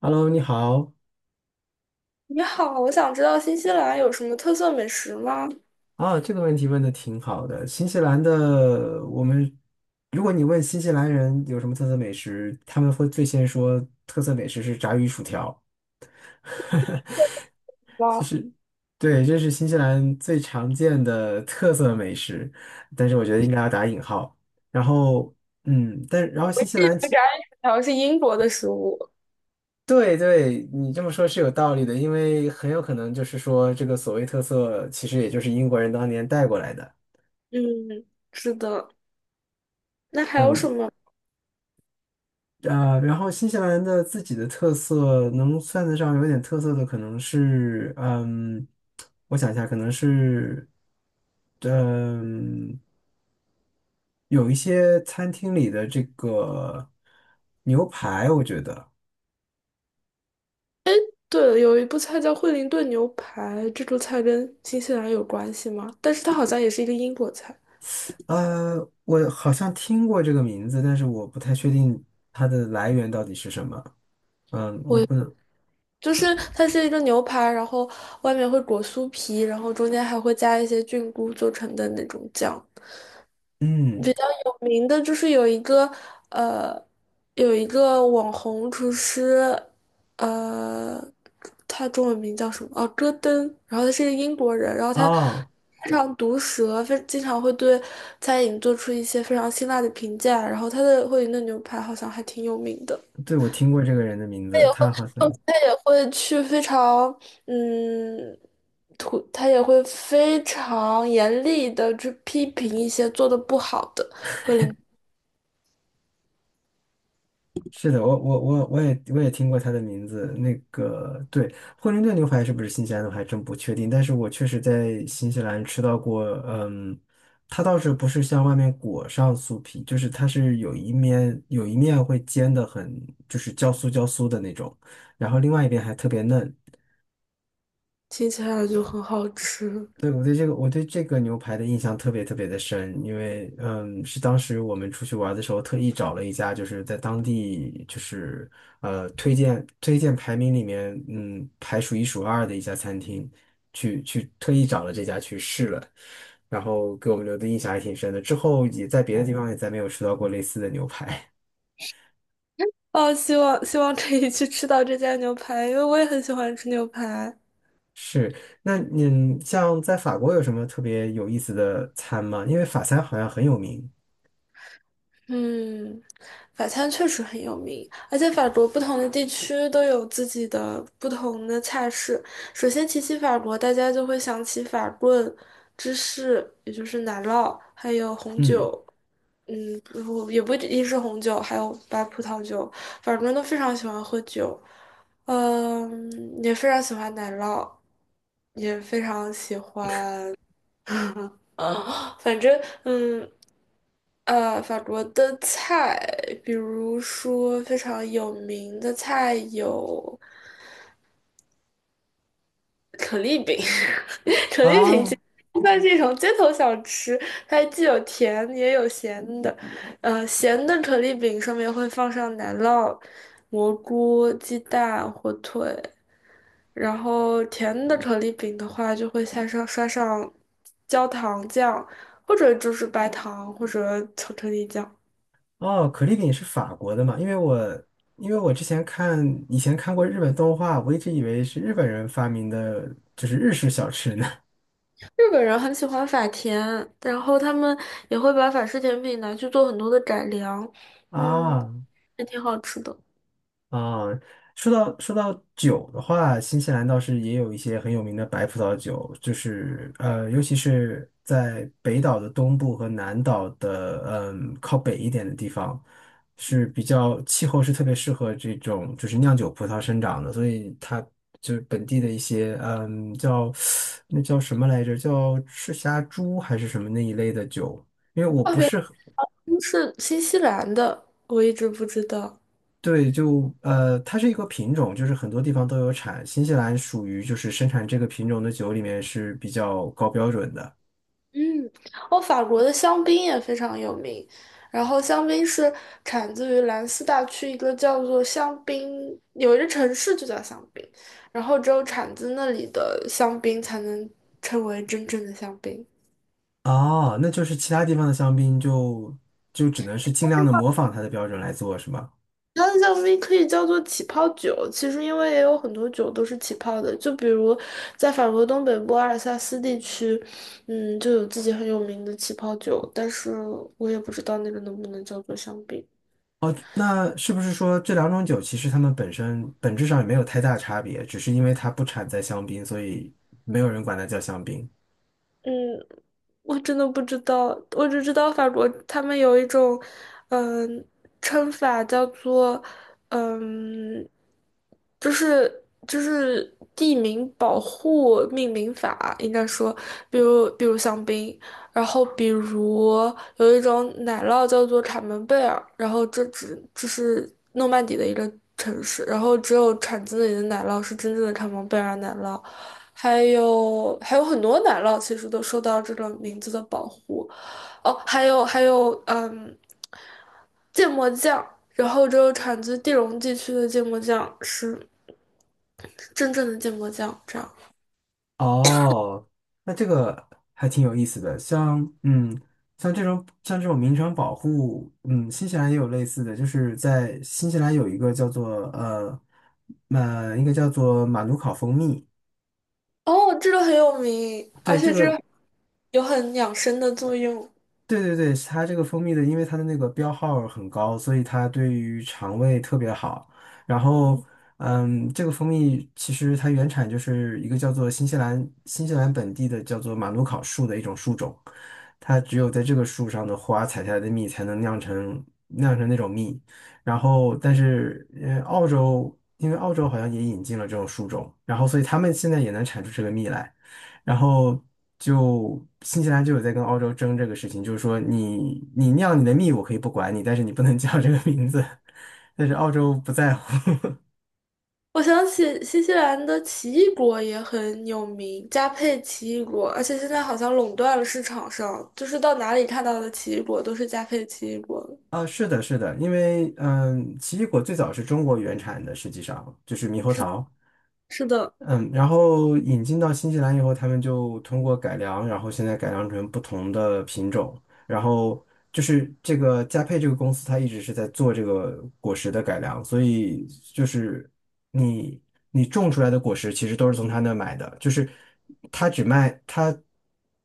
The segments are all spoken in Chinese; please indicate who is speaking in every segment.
Speaker 1: Hello，你好。
Speaker 2: 你好，我想知道新西兰有什么特色美食吗？
Speaker 1: 这个问题问的挺好的。新西兰的，如果你问新西兰人有什么特色美食，他们会最先说特色美食是炸鱼薯条，就
Speaker 2: 哇，
Speaker 1: 是对，这是新西兰最常见的特色美食，但是我觉得应该要打引号。然后，嗯，但然后
Speaker 2: 我
Speaker 1: 新
Speaker 2: 也
Speaker 1: 西
Speaker 2: 以
Speaker 1: 兰
Speaker 2: 为
Speaker 1: 其
Speaker 2: 炸鱼薯条是英国的食物。
Speaker 1: 对对，你这么说是有道理的，因为很有可能就是说这个所谓特色，其实也就是英国人当年带过来的。
Speaker 2: 嗯，是的。那还有什
Speaker 1: 嗯。
Speaker 2: 么？
Speaker 1: 然后新西兰的自己的特色，能算得上有点特色的，可能是，我想一下，可能是，嗯，有一些餐厅里的这个牛排，我觉得，
Speaker 2: 对了，有一部菜叫惠灵顿牛排，这道菜跟新西兰有关系吗？但是它好像也是一个英国菜，
Speaker 1: 我好像听过这个名字，但是我不太确定它的来源到底是什么。嗯，我不能，
Speaker 2: 就是它是一个牛排，然后外面会裹酥皮，然后中间还会加一些菌菇做成的那种酱。
Speaker 1: 嗯，
Speaker 2: 比较有名的就是有一个呃，有一个网红厨师，呃，他中文名叫什么？哦，戈登。然后他是个英国人，然后他
Speaker 1: 啊，
Speaker 2: 非常毒舌，非经常会对餐饮做出一些非常辛辣的评价。然后他的惠灵顿牛排好像还挺有名的。
Speaker 1: 对，我听过这个人的名字，他好
Speaker 2: 哦，
Speaker 1: 像。
Speaker 2: 他也会去非常嗯，土，他也会非常严厉的去批评一些做的不好的。
Speaker 1: 是的，我也听过他的名字。那个对，惠灵顿牛排是不是新西兰的，我还真不确定。但是我确实在新西兰吃到过，它倒是不是像外面裹上酥皮，就是它是有一面会煎的很，就是焦酥焦酥的那种，然后另外一边还特别嫩。
Speaker 2: 听起来就很好吃
Speaker 1: 对，我对这个牛排的印象特别特别的深，因为是当时我们出去玩的时候特意找了一家，就是在当地就是推荐排名里面排数一数二的一家餐厅，去特意找了这家去试了，然后给我们留的印象还挺深的。之后也在别的地方也再没有吃到过类似的牛排。
Speaker 2: 哦！希望可以去吃到这家牛排，因为我也很喜欢吃牛排。
Speaker 1: 是。那你像在法国有什么特别有意思的餐吗？因为法餐好像很有名。
Speaker 2: 嗯，法餐确实很有名，而且法国不同的地区都有自己的不同的菜式。首先提起法国，大家就会想起法棍、芝士，也就是奶酪，还有红
Speaker 1: 嗯，
Speaker 2: 酒。嗯，不，也不一定是红酒，还有白葡萄酒，法国人都非常喜欢喝酒，嗯，也非常喜欢奶酪，也非常喜欢，啊，反正嗯，法国的菜，比如说非常有名的菜有可丽饼，
Speaker 1: 啊。
Speaker 2: 饭是一种街头小吃，它既有甜也有咸的。咸的可丽饼上面会放上奶酪、蘑菇、鸡蛋、火腿，然后甜的可丽饼的话就会下上刷上焦糖酱，或者就是白糖或者巧克力酱。
Speaker 1: 哦，可丽饼是法国的嘛？因为我之前看看过日本动画，我一直以为是日本人发明的，就是日式小吃呢。
Speaker 2: 日本人很喜欢法甜，然后他们也会把法式甜品拿去做很多的改良，嗯，
Speaker 1: 啊。
Speaker 2: 也挺好吃的。
Speaker 1: 啊，说到酒的话，新西兰倒是也有一些很有名的白葡萄酒，就是尤其是在北岛的东部和南岛的靠北一点的地方，是比较气候是特别适合这种就是酿酒葡萄生长的，所以它就是本地的一些叫那叫什么来着，叫赤霞珠还是什么那一类的酒，因为我
Speaker 2: 哦，
Speaker 1: 不是
Speaker 2: 是新西兰的，我一直不知道。
Speaker 1: 对，就它是一个品种，就是很多地方都有产。新西兰属于就是生产这个品种的酒里面是比较高标准的。
Speaker 2: 嗯，哦，法国的香槟也非常有名，然后香槟是产自于兰斯大区一个叫做香槟，有一个城市就叫香槟，然后只有产自那里的香槟才能称为真正的香槟。
Speaker 1: 哦，那就是其他地方的香槟就就只能是尽量的模仿它的标准来做，是吗？
Speaker 2: 它的香槟可以叫做起泡酒，其实因为也有很多酒都是起泡的，就比如在法国东北部阿尔萨斯地区，嗯，就有自己很有名的起泡酒，但是我也不知道那个能不能叫做香槟。
Speaker 1: 哦，那是不是说这两种酒其实它们本身本质上也没有太大差别，只是因为它不产在香槟，所以没有人管它叫香槟？
Speaker 2: 嗯，我真的不知道，我只知道法国他们有一种，嗯，称法叫做，嗯，就是地名保护命名法，应该说，比如香槟，然后比如有一种奶酪叫做卡门贝尔，然后这是诺曼底的一个城市，然后只有产自那里的奶酪是真正的卡门贝尔奶酪。还有很多奶酪其实都受到这个名字的保护。哦，还有嗯，芥末酱，然后只有产自地龙地区的芥末酱是真正的芥末酱，这样。
Speaker 1: 哦，那这个还挺有意思的，像像这种名称保护，新西兰也有类似的，就是在新西兰有一个叫做应该叫做马努考蜂蜜，
Speaker 2: 哦，这个很有名，而
Speaker 1: 对，这
Speaker 2: 且这
Speaker 1: 个
Speaker 2: 个有很养生的作用。
Speaker 1: 对对对，它这个蜂蜜的，因为它的那个标号很高，所以它对于肠胃特别好。然后，这个蜂蜜其实它原产就是一个叫做新西兰本地的叫做马努考树的一种树种，它只有在这个树上的花采下来的蜜才能酿成那种蜜。然后，但是澳洲好像也引进了这种树种，然后所以他们现在也能产出这个蜜来。然后就新西兰就有在跟澳洲争这个事情，就是说你酿你的蜜我可以不管你，但是你不能 叫这个名字。但是澳洲不在乎。
Speaker 2: 我想起新西兰的奇异果也很有名，佳沛奇异果，而且现在好像垄断了市场上，就是到哪里看到的奇异果都是佳沛奇异果。
Speaker 1: 啊，是的，是的，因为奇异果最早是中国原产的，实际上就是猕猴
Speaker 2: 是，
Speaker 1: 桃。
Speaker 2: 是的。
Speaker 1: 嗯，然后引进到新西兰以后，他们就通过改良，然后现在改良成不同的品种。然后就是这个佳沛这个公司，它一直是在做这个果实的改良，所以就是你你种出来的果实其实都是从他那买的，就是他只卖他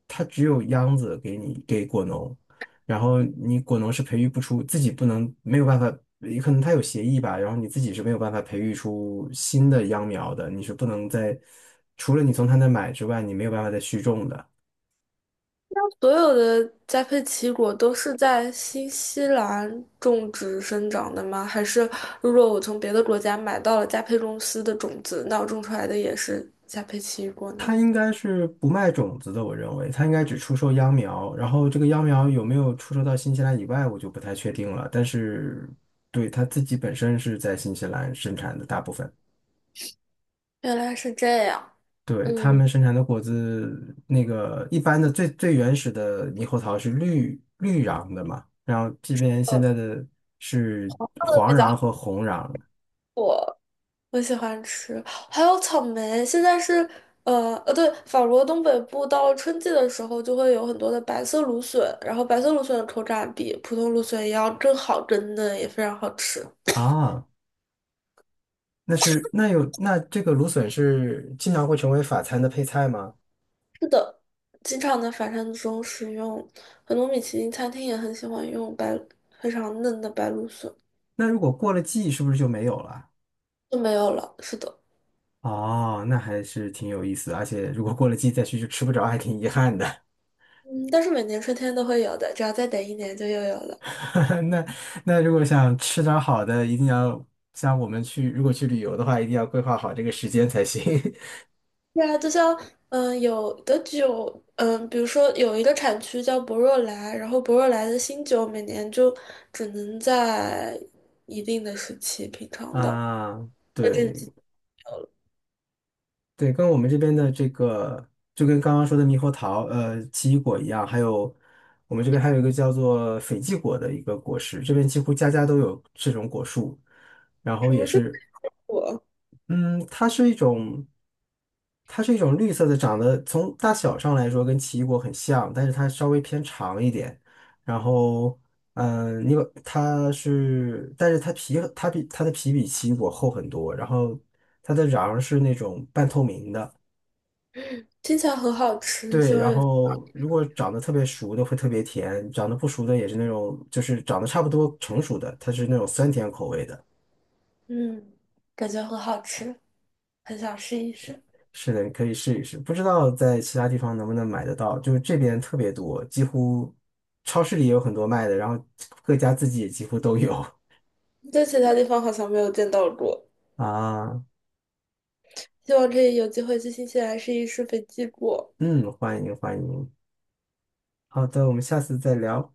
Speaker 1: 只有秧子给你给果农，然后你果农是培育不出，自己不能没有办法，也可能它有协议吧，然后你自己是没有办法培育出新的秧苗的，你是不能在除了你从他那买之外，你没有办法再续种的。
Speaker 2: 所有的加佩奇果都是在新西兰种植生长的吗？还是如果我从别的国家买到了加佩公司的种子，那我种出来的也是加佩奇果呢？
Speaker 1: 他应该是不卖种子的，我认为他应该只出售秧苗，然后这个秧苗有没有出售到新西兰以外，我就不太确定了。但是对他自己本身是在新西兰生产的大部分。
Speaker 2: 原来是这样。
Speaker 1: 对，他
Speaker 2: 嗯，
Speaker 1: 们生产的果子，那个一般的最最原始的猕猴桃是绿绿瓤的嘛，然后这边现
Speaker 2: 做
Speaker 1: 在的是
Speaker 2: 的
Speaker 1: 黄
Speaker 2: 比较
Speaker 1: 瓤
Speaker 2: 好，
Speaker 1: 和红瓤
Speaker 2: 我喜欢吃，还有草莓。现在是，对，法国东北部到了春季的时候，就会有很多的白色芦笋，然后白色芦笋的口感比普通芦笋也要更好，更嫩，也非常好吃。
Speaker 1: 啊。那是那有那这个芦笋是经常会成为法餐的配菜吗？
Speaker 2: 的，经常的法餐中使用，很多米其林餐厅也很喜欢用白非常嫩的白芦笋，
Speaker 1: 那如果过了季，是不是就没有了？
Speaker 2: 就没有了。是的。
Speaker 1: 哦，那还是挺有意思的而且如果过了季再去就吃不着，还挺遗憾的。
Speaker 2: 嗯，但是每年春天都会有的，只要再等一年就又有了。
Speaker 1: 那那如果想吃点儿好的，一定要像我们去，如果去旅游的话，一定要规划好这个时间才行。
Speaker 2: 对啊，就像嗯，有的酒，嗯，比如说有一个产区叫博若莱，然后博若莱的新酒每年就只能在一定的时期品 尝到。
Speaker 1: 啊。
Speaker 2: 在这个
Speaker 1: 对
Speaker 2: 季
Speaker 1: 对，跟我们这边的这个，就跟刚刚说的猕猴桃、奇异果一样，还有我们这边还有一个叫做斐济果的一个果实，这边几乎家家都有这种果树，然后
Speaker 2: 什
Speaker 1: 也
Speaker 2: 么是
Speaker 1: 是
Speaker 2: 果？
Speaker 1: 嗯，它是一种，它是一种绿色的，长得从大小上来说跟奇异果很像，但是它稍微偏长一点。然后，嗯，你把它是，但是它皮它比它的皮比奇异果厚很多，然后它的瓤儿是那种半透明的。
Speaker 2: 听起来很好吃，希
Speaker 1: 对，
Speaker 2: 望
Speaker 1: 然
Speaker 2: 有，
Speaker 1: 后如果长得特别熟的会特别甜，长得不熟的也是那种，就是长得差不多成熟的，它是那种酸甜口味的。
Speaker 2: 嗯，感觉很好吃。很想试一试。
Speaker 1: 是的，可以试一试。不知道在其他地方能不能买得到，就是这边特别多，几乎超市里也有很多卖的，然后各家自己也几乎都有。
Speaker 2: 在其他地方好像没有见到过，
Speaker 1: 啊。
Speaker 2: 希望可以有机会去新西兰试一试飞机过。
Speaker 1: 嗯，欢迎欢迎。好的，我们下次再聊。